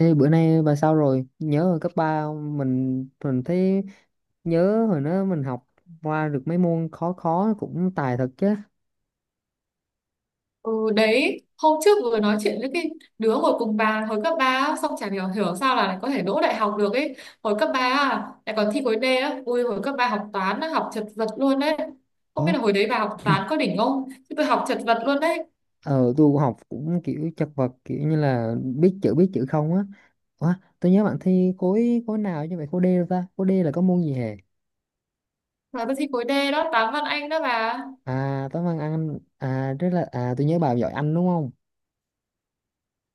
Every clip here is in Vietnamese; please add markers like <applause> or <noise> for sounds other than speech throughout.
Ê, bữa nay bà sao rồi? Nhớ hồi cấp 3 không? Mình thấy nhớ hồi đó mình học qua được mấy môn khó khó cũng tài thật chứ. Ừ đấy, hôm trước vừa nói chuyện với cái đứa ngồi cùng bà hồi cấp 3 á, xong chả hiểu hiểu sao là lại có thể đỗ đại học được ấy. Hồi cấp 3 à, lại còn thi khối D á. Ui hồi cấp 3 học toán á, học chật vật luôn đấy. Không biết Ủa, là hồi đấy bà học toán có đỉnh không? Chứ tôi học chật vật luôn đấy. ờ tôi học cũng kiểu chật vật kiểu như là biết chữ không á. Ủa, tôi nhớ bạn thi khối khối nào như vậy, khối D đâu ta? Khối D là có môn gì hề? Và tôi thi khối D đó, toán văn Anh đó bà. À, toán văn anh à, rất là, à, tôi nhớ bà giỏi anh đúng không?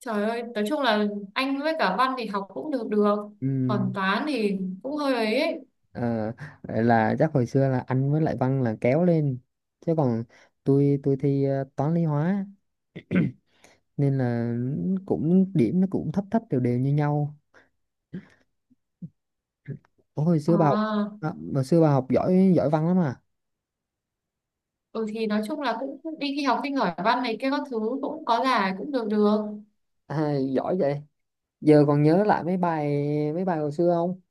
Trời ơi, nói chung là Anh với cả văn thì học cũng được được. Ừ. Còn toán thì cũng hơi ấy. Ờ, vậy là chắc hồi xưa là anh với lại văn là kéo lên, chứ còn tôi thi toán lý hóa, nên là cũng điểm nó cũng thấp thấp đều đều như nhau. Ủa, À, hồi xưa bà học giỏi giỏi văn lắm à? ừ thì nói chung là cũng đi thi học sinh giỏi văn này kia các thứ cũng có giải cũng được được. À, giỏi vậy giờ còn nhớ lại mấy bài hồi xưa không,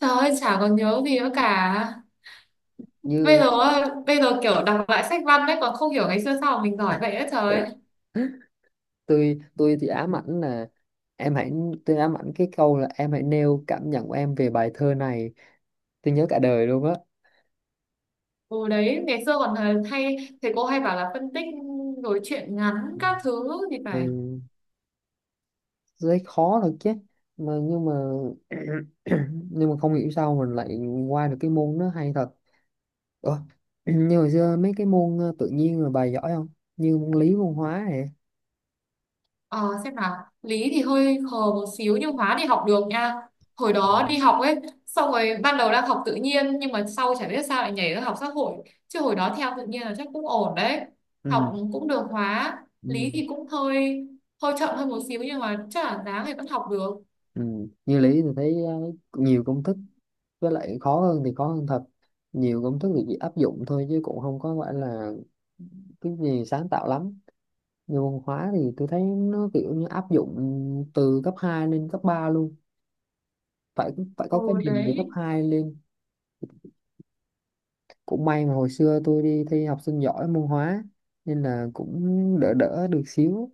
Trời ơi, chả còn nhớ gì nữa cả. Bây như giờ bây giờ kiểu đọc lại sách văn đấy còn không hiểu ngày xưa sao mà mình giỏi vậy ấy trời ơi. <laughs> tôi thì ám ảnh là, em hãy tôi ám ảnh cái câu là: em hãy nêu cảm nhận của em về bài thơ này. Tôi nhớ cả đời luôn á. Ừ đấy, ngày xưa còn hay thầy cô hay bảo là phân tích rồi truyện ngắn Ừ. các thứ thì Ừ. phải. Thấy khó thật chứ, nhưng mà <coughs> <clears throat> nhưng mà không hiểu sao mình lại qua được cái môn, nó hay thật. Ủa? <clears throat> Như hồi xưa mấy cái môn tự nhiên rồi bà giỏi không, như môn lý môn hóa này. Ờ, xem nào, lý thì hơi khờ một xíu nhưng hóa thì học được nha, hồi đó đi học ấy, xong rồi ban đầu đang học tự nhiên nhưng mà sau chả biết sao lại nhảy ra học xã hội, chứ hồi đó theo tự nhiên là chắc cũng ổn đấy, Ừ. học cũng được hóa, Ừ. lý thì cũng hơi hơi chậm hơn một xíu nhưng mà chắc là đáng thì vẫn học được. Ừ. Như lý thì thấy nhiều công thức, với lại khó hơn thì khó hơn thật, nhiều công thức thì chỉ áp dụng thôi chứ cũng không có phải là cái gì sáng tạo lắm. Như môn hóa thì tôi thấy nó kiểu như áp dụng từ cấp 2 lên cấp 3 luôn, phải phải Ừ có cái nền từ cấp đấy. 2 lên. Cũng may mà hồi xưa tôi đi thi học sinh giỏi môn hóa nên là cũng đỡ đỡ được xíu.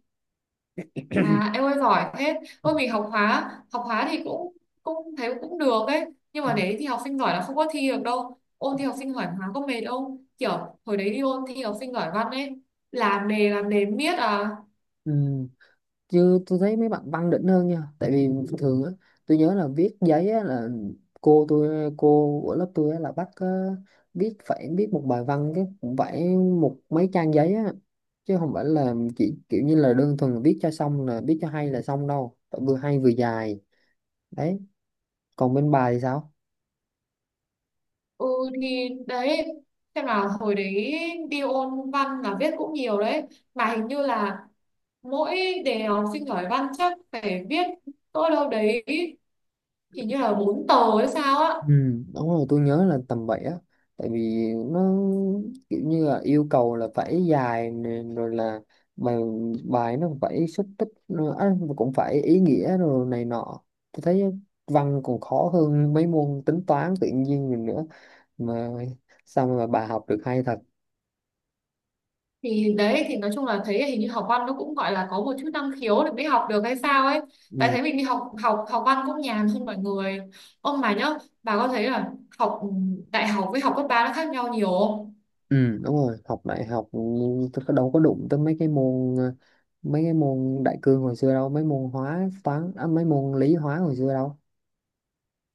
À em ơi giỏi thế. Ôi mình học hóa. Học hóa thì cũng cũng thấy cũng được ấy. Nhưng Ừ. mà đấy thì học sinh giỏi là không có thi được đâu. Ôn thi học sinh giỏi hóa có mệt không? Kiểu hồi đấy đi ôn thi học sinh giỏi văn ấy, làm đề làm đề miết à. Ừ. Chứ tôi thấy mấy bạn văn đỉnh hơn nha, tại vì thường á, tôi nhớ là viết giấy á là, cô của lớp tôi á là bắt viết một bài văn cái cũng phải một mấy trang giấy á, chứ không phải là chỉ kiểu như là đơn thuần viết cho xong, là viết cho hay là xong đâu, phải vừa hay vừa dài đấy. Còn bên bài thì sao? Ừ thì đấy, xem nào, hồi đấy đi ôn văn là viết cũng nhiều đấy. Mà hình như là mỗi đề học sinh giỏi văn chắc phải viết, tôi đâu đấy hình như là 4 tờ hay sao á, Ừ, đúng rồi, tôi nhớ là tầm vậy á, tại vì nó kiểu như là yêu cầu là phải dài nè, rồi là bài bài nó phải xúc tích nữa á, mà cũng phải ý nghĩa rồi này nọ. Tôi thấy văn còn khó hơn mấy môn tính toán tự nhiên rồi nữa, mà sao mà bà học được hay thật. thì đấy, thì nói chung là thấy hình như học văn nó cũng gọi là có một chút năng khiếu để mới học được hay sao ấy, tại Ừ, thấy mình đi học học học văn cũng nhàn hơn mọi người. Ông mà nhớ, bà có thấy là học đại học với học cấp ba nó khác nhau nhiều không? ừ đúng rồi, học đại học nhưng tôi đâu có đụng tới mấy cái môn đại cương hồi xưa đâu, mấy môn lý hóa hồi xưa đâu.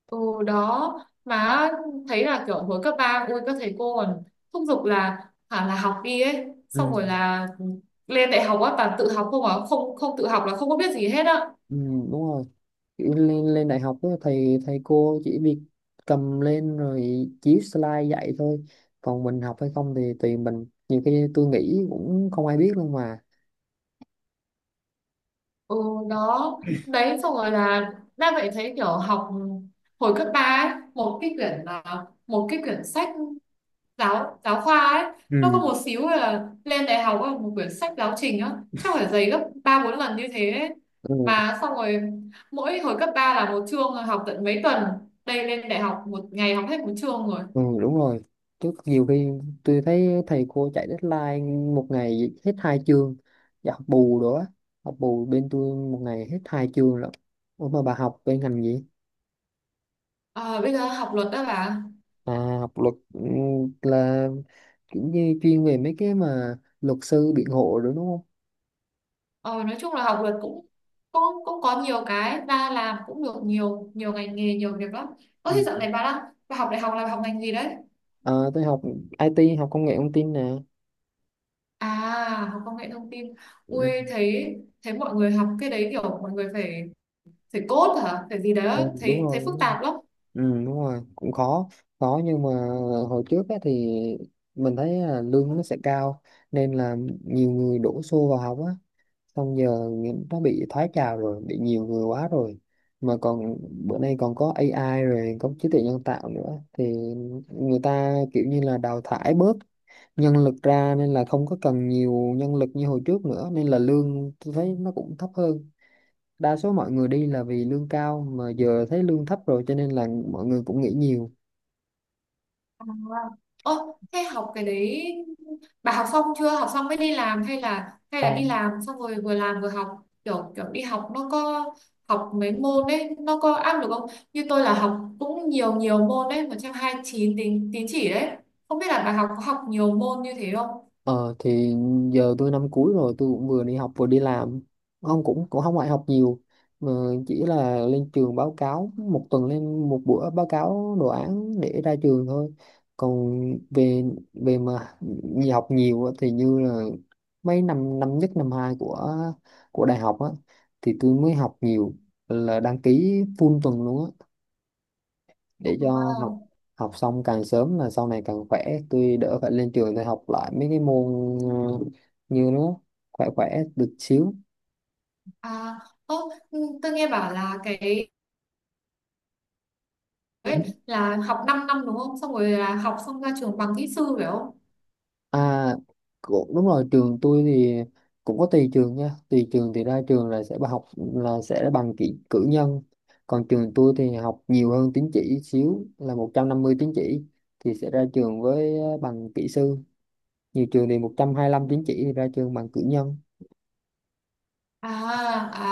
Ừ đó, mà thấy là kiểu hồi cấp ba ui các thầy cô còn thúc giục là hả là học đi ấy, xong Ừ. rồi là lên đại học á toàn tự học không, à không không tự học là không có biết gì hết á. Ừ, đúng rồi. Kiểu lên lên đại học á, thầy thầy cô chỉ việc cầm lên rồi chiếu slide dạy thôi, còn mình học hay không thì tùy mình, nhiều khi tôi nghĩ cũng không ai biết luôn mà. Ừ, đó đấy, xong rồi là đang vậy thấy kiểu học, hồi cấp ba ấy, một cái quyển là một cái quyển sách giáo giáo khoa ấy nó có Ừ. một xíu, là lên đại học ấy, một quyển sách giáo trình á chắc phải dày gấp ba bốn lần như thế ấy. Ừ, Mà xong rồi mỗi hồi cấp 3 là một chương học tận mấy tuần, đây lên đại học một ngày học hết một chương rồi. ừ, đúng rồi, chứ nhiều khi tôi thấy thầy cô chạy deadline một ngày hết hai chương, và học bù nữa, học bù bên tôi một ngày hết hai chương lận. Ủa, mà bà học bên ngành gì? À, bây giờ học luật đó bà. À, học luật là kiểu như chuyên về mấy cái mà luật sư biện hộ đó đúng không? Ờ, nói chung là học luật cũng cũng cũng có nhiều cái và làm cũng được nhiều nhiều ngành nghề nhiều việc lắm. Ơ Ừ. thế dạo này bà đang, bà học đại học là bà học ngành gì đấy? À, tôi học IT, học công nghệ thông tin nè. À học công nghệ thông tin. Ui, Ừ. thấy thấy mọi người học cái đấy kiểu mọi người phải phải code hả? Phải gì đấy á, Ừ, đúng thấy thấy rồi, phức đúng rồi. tạp lắm. Ừ, đúng rồi, cũng khó. Khó nhưng mà hồi trước á, thì mình thấy là lương nó sẽ cao nên là nhiều người đổ xô vào học á. Xong giờ nó bị thoái trào rồi, bị nhiều người quá rồi, mà còn bữa nay còn có AI rồi, có trí tuệ nhân tạo nữa, thì người ta kiểu như là đào thải bớt nhân lực ra nên là không có cần nhiều nhân lực như hồi trước nữa, nên là lương tôi thấy nó cũng thấp hơn. Đa số mọi người đi là vì lương cao, mà giờ thấy lương thấp rồi cho nên là mọi người cũng nghỉ nhiều. À. Ô, thế học cái đấy bà học xong chưa? Học xong mới đi làm hay là đi làm xong rồi vừa làm vừa học? Kiểu kiểu đi học nó có, học mấy môn đấy nó có áp lực không? Như tôi là học cũng nhiều nhiều môn đấy, 129 tín tín chỉ đấy. Không biết là bà học có học nhiều môn như thế không? Ờ thì giờ tôi năm cuối rồi, tôi cũng vừa đi học vừa đi làm, không cũng cũng không phải học nhiều, mà chỉ là lên trường báo cáo, một tuần lên một bữa báo cáo đồ án để ra trường thôi. Còn về về mà đi học nhiều á, thì như là mấy năm năm nhất năm hai của đại học á, thì tôi mới học nhiều, là đăng ký full tuần luôn á, để cho học À, học xong càng sớm là sau này càng khỏe, tôi đỡ phải lên trường để học lại mấy cái môn như nó, khỏe khỏe được xíu. à, ô, ừ, tôi nghe bảo là cái ấy, là học 5 năm đúng không? Xong rồi là học xong ra trường bằng kỹ sư phải không? À, cũng đúng rồi, trường tôi thì cũng có tùy trường nha, tùy trường thì ra trường là sẽ, bà học là sẽ bằng cử nhân, còn trường tôi thì học nhiều hơn tín chỉ xíu, là 150 tín chỉ thì sẽ ra trường với bằng kỹ sư, nhiều trường thì 125 tín chỉ thì ra trường bằng cử nhân. À,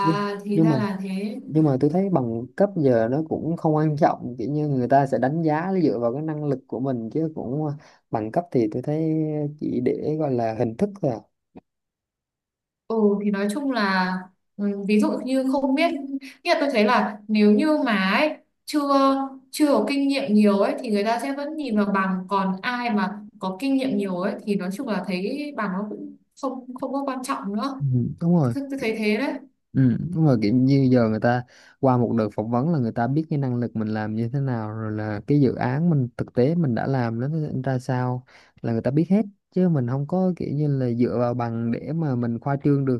nhưng thì nhưng mà ra là thế. nhưng mà tôi thấy bằng cấp giờ nó cũng không quan trọng, kiểu như người ta sẽ đánh giá dựa vào cái năng lực của mình chứ cũng, bằng cấp thì tôi thấy chỉ để gọi là hình thức thôi à. Ừ thì nói chung là ví dụ như không biết, nghĩa là tôi thấy là nếu như mà ấy, chưa chưa có kinh nghiệm nhiều ấy thì người ta sẽ vẫn nhìn vào bằng, còn ai mà có kinh nghiệm nhiều ấy thì nói chung là thấy bằng nó cũng không không có quan trọng nữa, Ừ, đúng rồi. tôi thấy thế đấy. Ừ, đúng rồi, kiểu như giờ người ta qua một đợt phỏng vấn là người ta biết cái năng lực mình làm như thế nào rồi, là cái dự án mình thực tế mình đã làm nó ra sao là người ta biết hết, chứ mình không có kiểu như là dựa vào bằng để mà mình khoa trương được.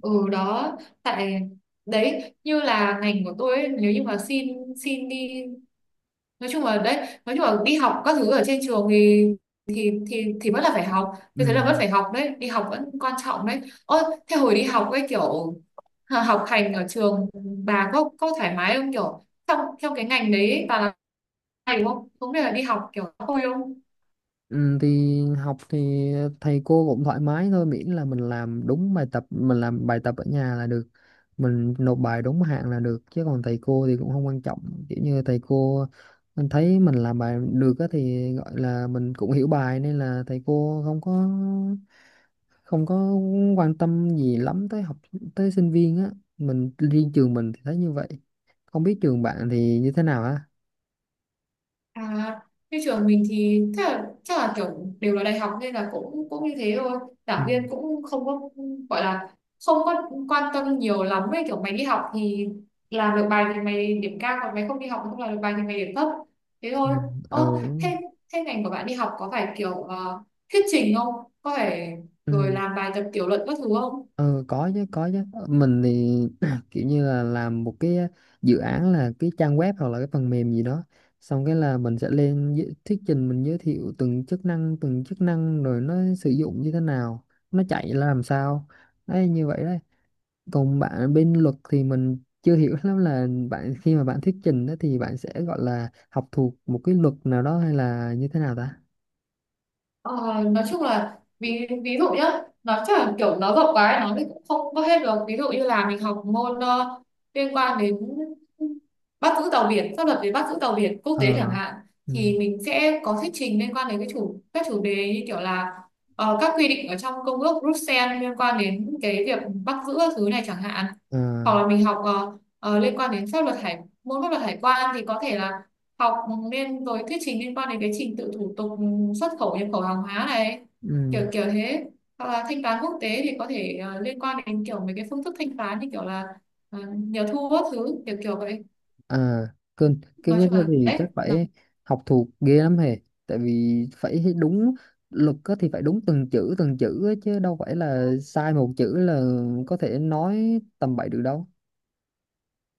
Ừ đó, tại đấy như là ngành của tôi ấy, nếu như mà xin xin đi, nói chung là đấy, nói chung là đi học các thứ ở trên trường thì vẫn là phải học, như thế là vẫn Ừ. phải học đấy, đi học vẫn quan trọng đấy. Ơ thế hồi đi học ấy kiểu học hành ở trường, bà có thoải mái không, kiểu trong trong cái ngành đấy bà là, hay đúng không, cũng như là đi học kiểu có vui không? Ừ, thì học thì thầy cô cũng thoải mái thôi, miễn là mình làm đúng bài tập, mình làm bài tập ở nhà là được, mình nộp bài đúng hạn là được, chứ còn thầy cô thì cũng không quan trọng, kiểu như thầy cô mình thấy mình làm bài được á thì gọi là mình cũng hiểu bài, nên là thầy cô không có quan tâm gì lắm tới tới sinh viên á. Mình riêng trường mình thì thấy như vậy, không biết trường bạn thì như thế nào á. À, như trường mình thì chắc là kiểu đều là đại học nên là cũng cũng như thế thôi. Ừ. Giảng viên cũng không có gọi là không có quan tâm nhiều lắm ấy, kiểu mày đi học thì làm được bài thì mày điểm cao, còn mày không đi học mà không làm được bài thì mày điểm thấp. Thế thôi. Ơ Ừ. thế thế ngành của bạn đi học có phải kiểu thuyết trình không? Có phải rồi Ừ. làm bài tập tiểu luận các thứ không? Ừ, có chứ, có chứ. Ờ, mình thì <clears throat> kiểu như là làm một cái dự án, là cái trang web hoặc là cái phần mềm gì đó, xong cái là mình sẽ lên thuyết trình, mình giới thiệu từng chức năng rồi nó sử dụng như thế nào, nó chạy là làm sao, đấy, như vậy đấy. Còn bạn bên luật thì mình chưa hiểu <laughs> lắm, là bạn khi mà bạn thuyết trình đó thì bạn sẽ gọi là học thuộc một cái luật nào đó hay là như thế nào ta? Ờ, nói chung là ví ví dụ nhá, nó chẳng kiểu nó rộng quá ấy, nó thì cũng không có hết được, ví dụ như là mình học môn liên quan đến bắt giữ tàu biển, pháp luật về bắt giữ tàu biển quốc Ờ, tế chẳng hạn, ừ, thì mình sẽ có thuyết trình liên quan đến cái chủ các chủ đề như kiểu là các quy định ở trong công ước Bruxelles liên quan đến cái việc bắt giữ các thứ này chẳng hạn, ờ, hoặc là mình học liên quan đến pháp luật hải quan thì có thể là học rồi thuyết trình liên quan đến cái trình tự thủ tục xuất khẩu nhập khẩu hàng hóa này, ừ. kiểu kiểu thế, hoặc là thanh toán quốc tế thì có thể liên quan đến kiểu mấy cái phương thức thanh toán như kiểu là nhiều thu các thứ kiểu kiểu vậy, À, cơn cái nói viết chung đó là thì đấy chắc nó- phải học thuộc ghê lắm hề, tại vì phải đúng luật á thì phải đúng từng chữ á, chứ đâu phải là sai một chữ là có thể nói tầm bậy được đâu.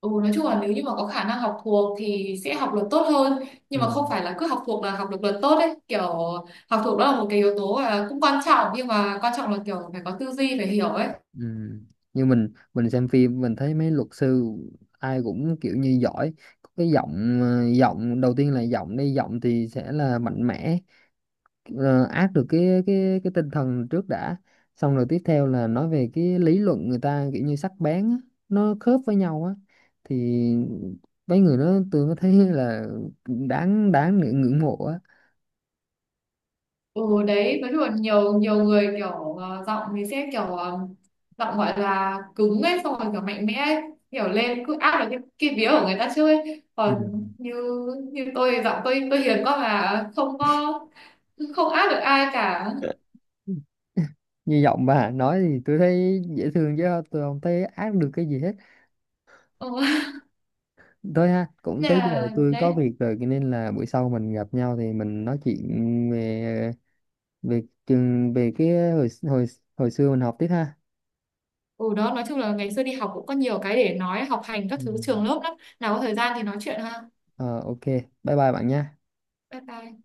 ừ, nói chung là nếu như mà có khả năng học thuộc thì sẽ học được tốt hơn, Ừ, nhưng mà không phải là cứ học thuộc là học được luật tốt đấy, kiểu học thuộc đó là một cái yếu tố và cũng quan trọng nhưng mà quan trọng là kiểu phải có tư duy, phải hiểu ấy. ừ. Như mình xem phim, mình thấy mấy luật sư ai cũng kiểu như giỏi, có cái giọng giọng đầu tiên là giọng đi, giọng thì sẽ là mạnh mẽ, áp được cái tinh thần trước đã, xong rồi tiếp theo là nói về cái lý luận, người ta kiểu như sắc bén á, nó khớp với nhau á, thì mấy người đó tôi mới thấy là đáng đáng để ngưỡng mộ á. Ừ đấy, nói chung là nhiều nhiều người kiểu giọng thì sẽ kiểu giọng gọi là cứng ấy, xong rồi kiểu mạnh mẽ ấy, kiểu lên cứ áp được cái vía của người ta trước ấy. Còn Ừ. như như tôi thì giọng tôi hiền quá mà không áp được ai cả. Như giọng bà nói thì tôi thấy dễ thương chứ, tôi không thấy ác được cái gì hết. Ừ. <laughs> Thôi ha, cũng Nên tới giờ là tôi có đấy. việc rồi cho nên là buổi sau mình gặp nhau thì mình nói chuyện về về trường, về cái hồi hồi hồi xưa mình học tiếp ha. Ừ đó, nói chung là ngày xưa đi học cũng có nhiều cái để nói, học hành các Ừ. thứ trường lớp lắm. Nào có thời gian thì nói chuyện ha. Ờ, ok, bye bye bạn nhé. Bye bye.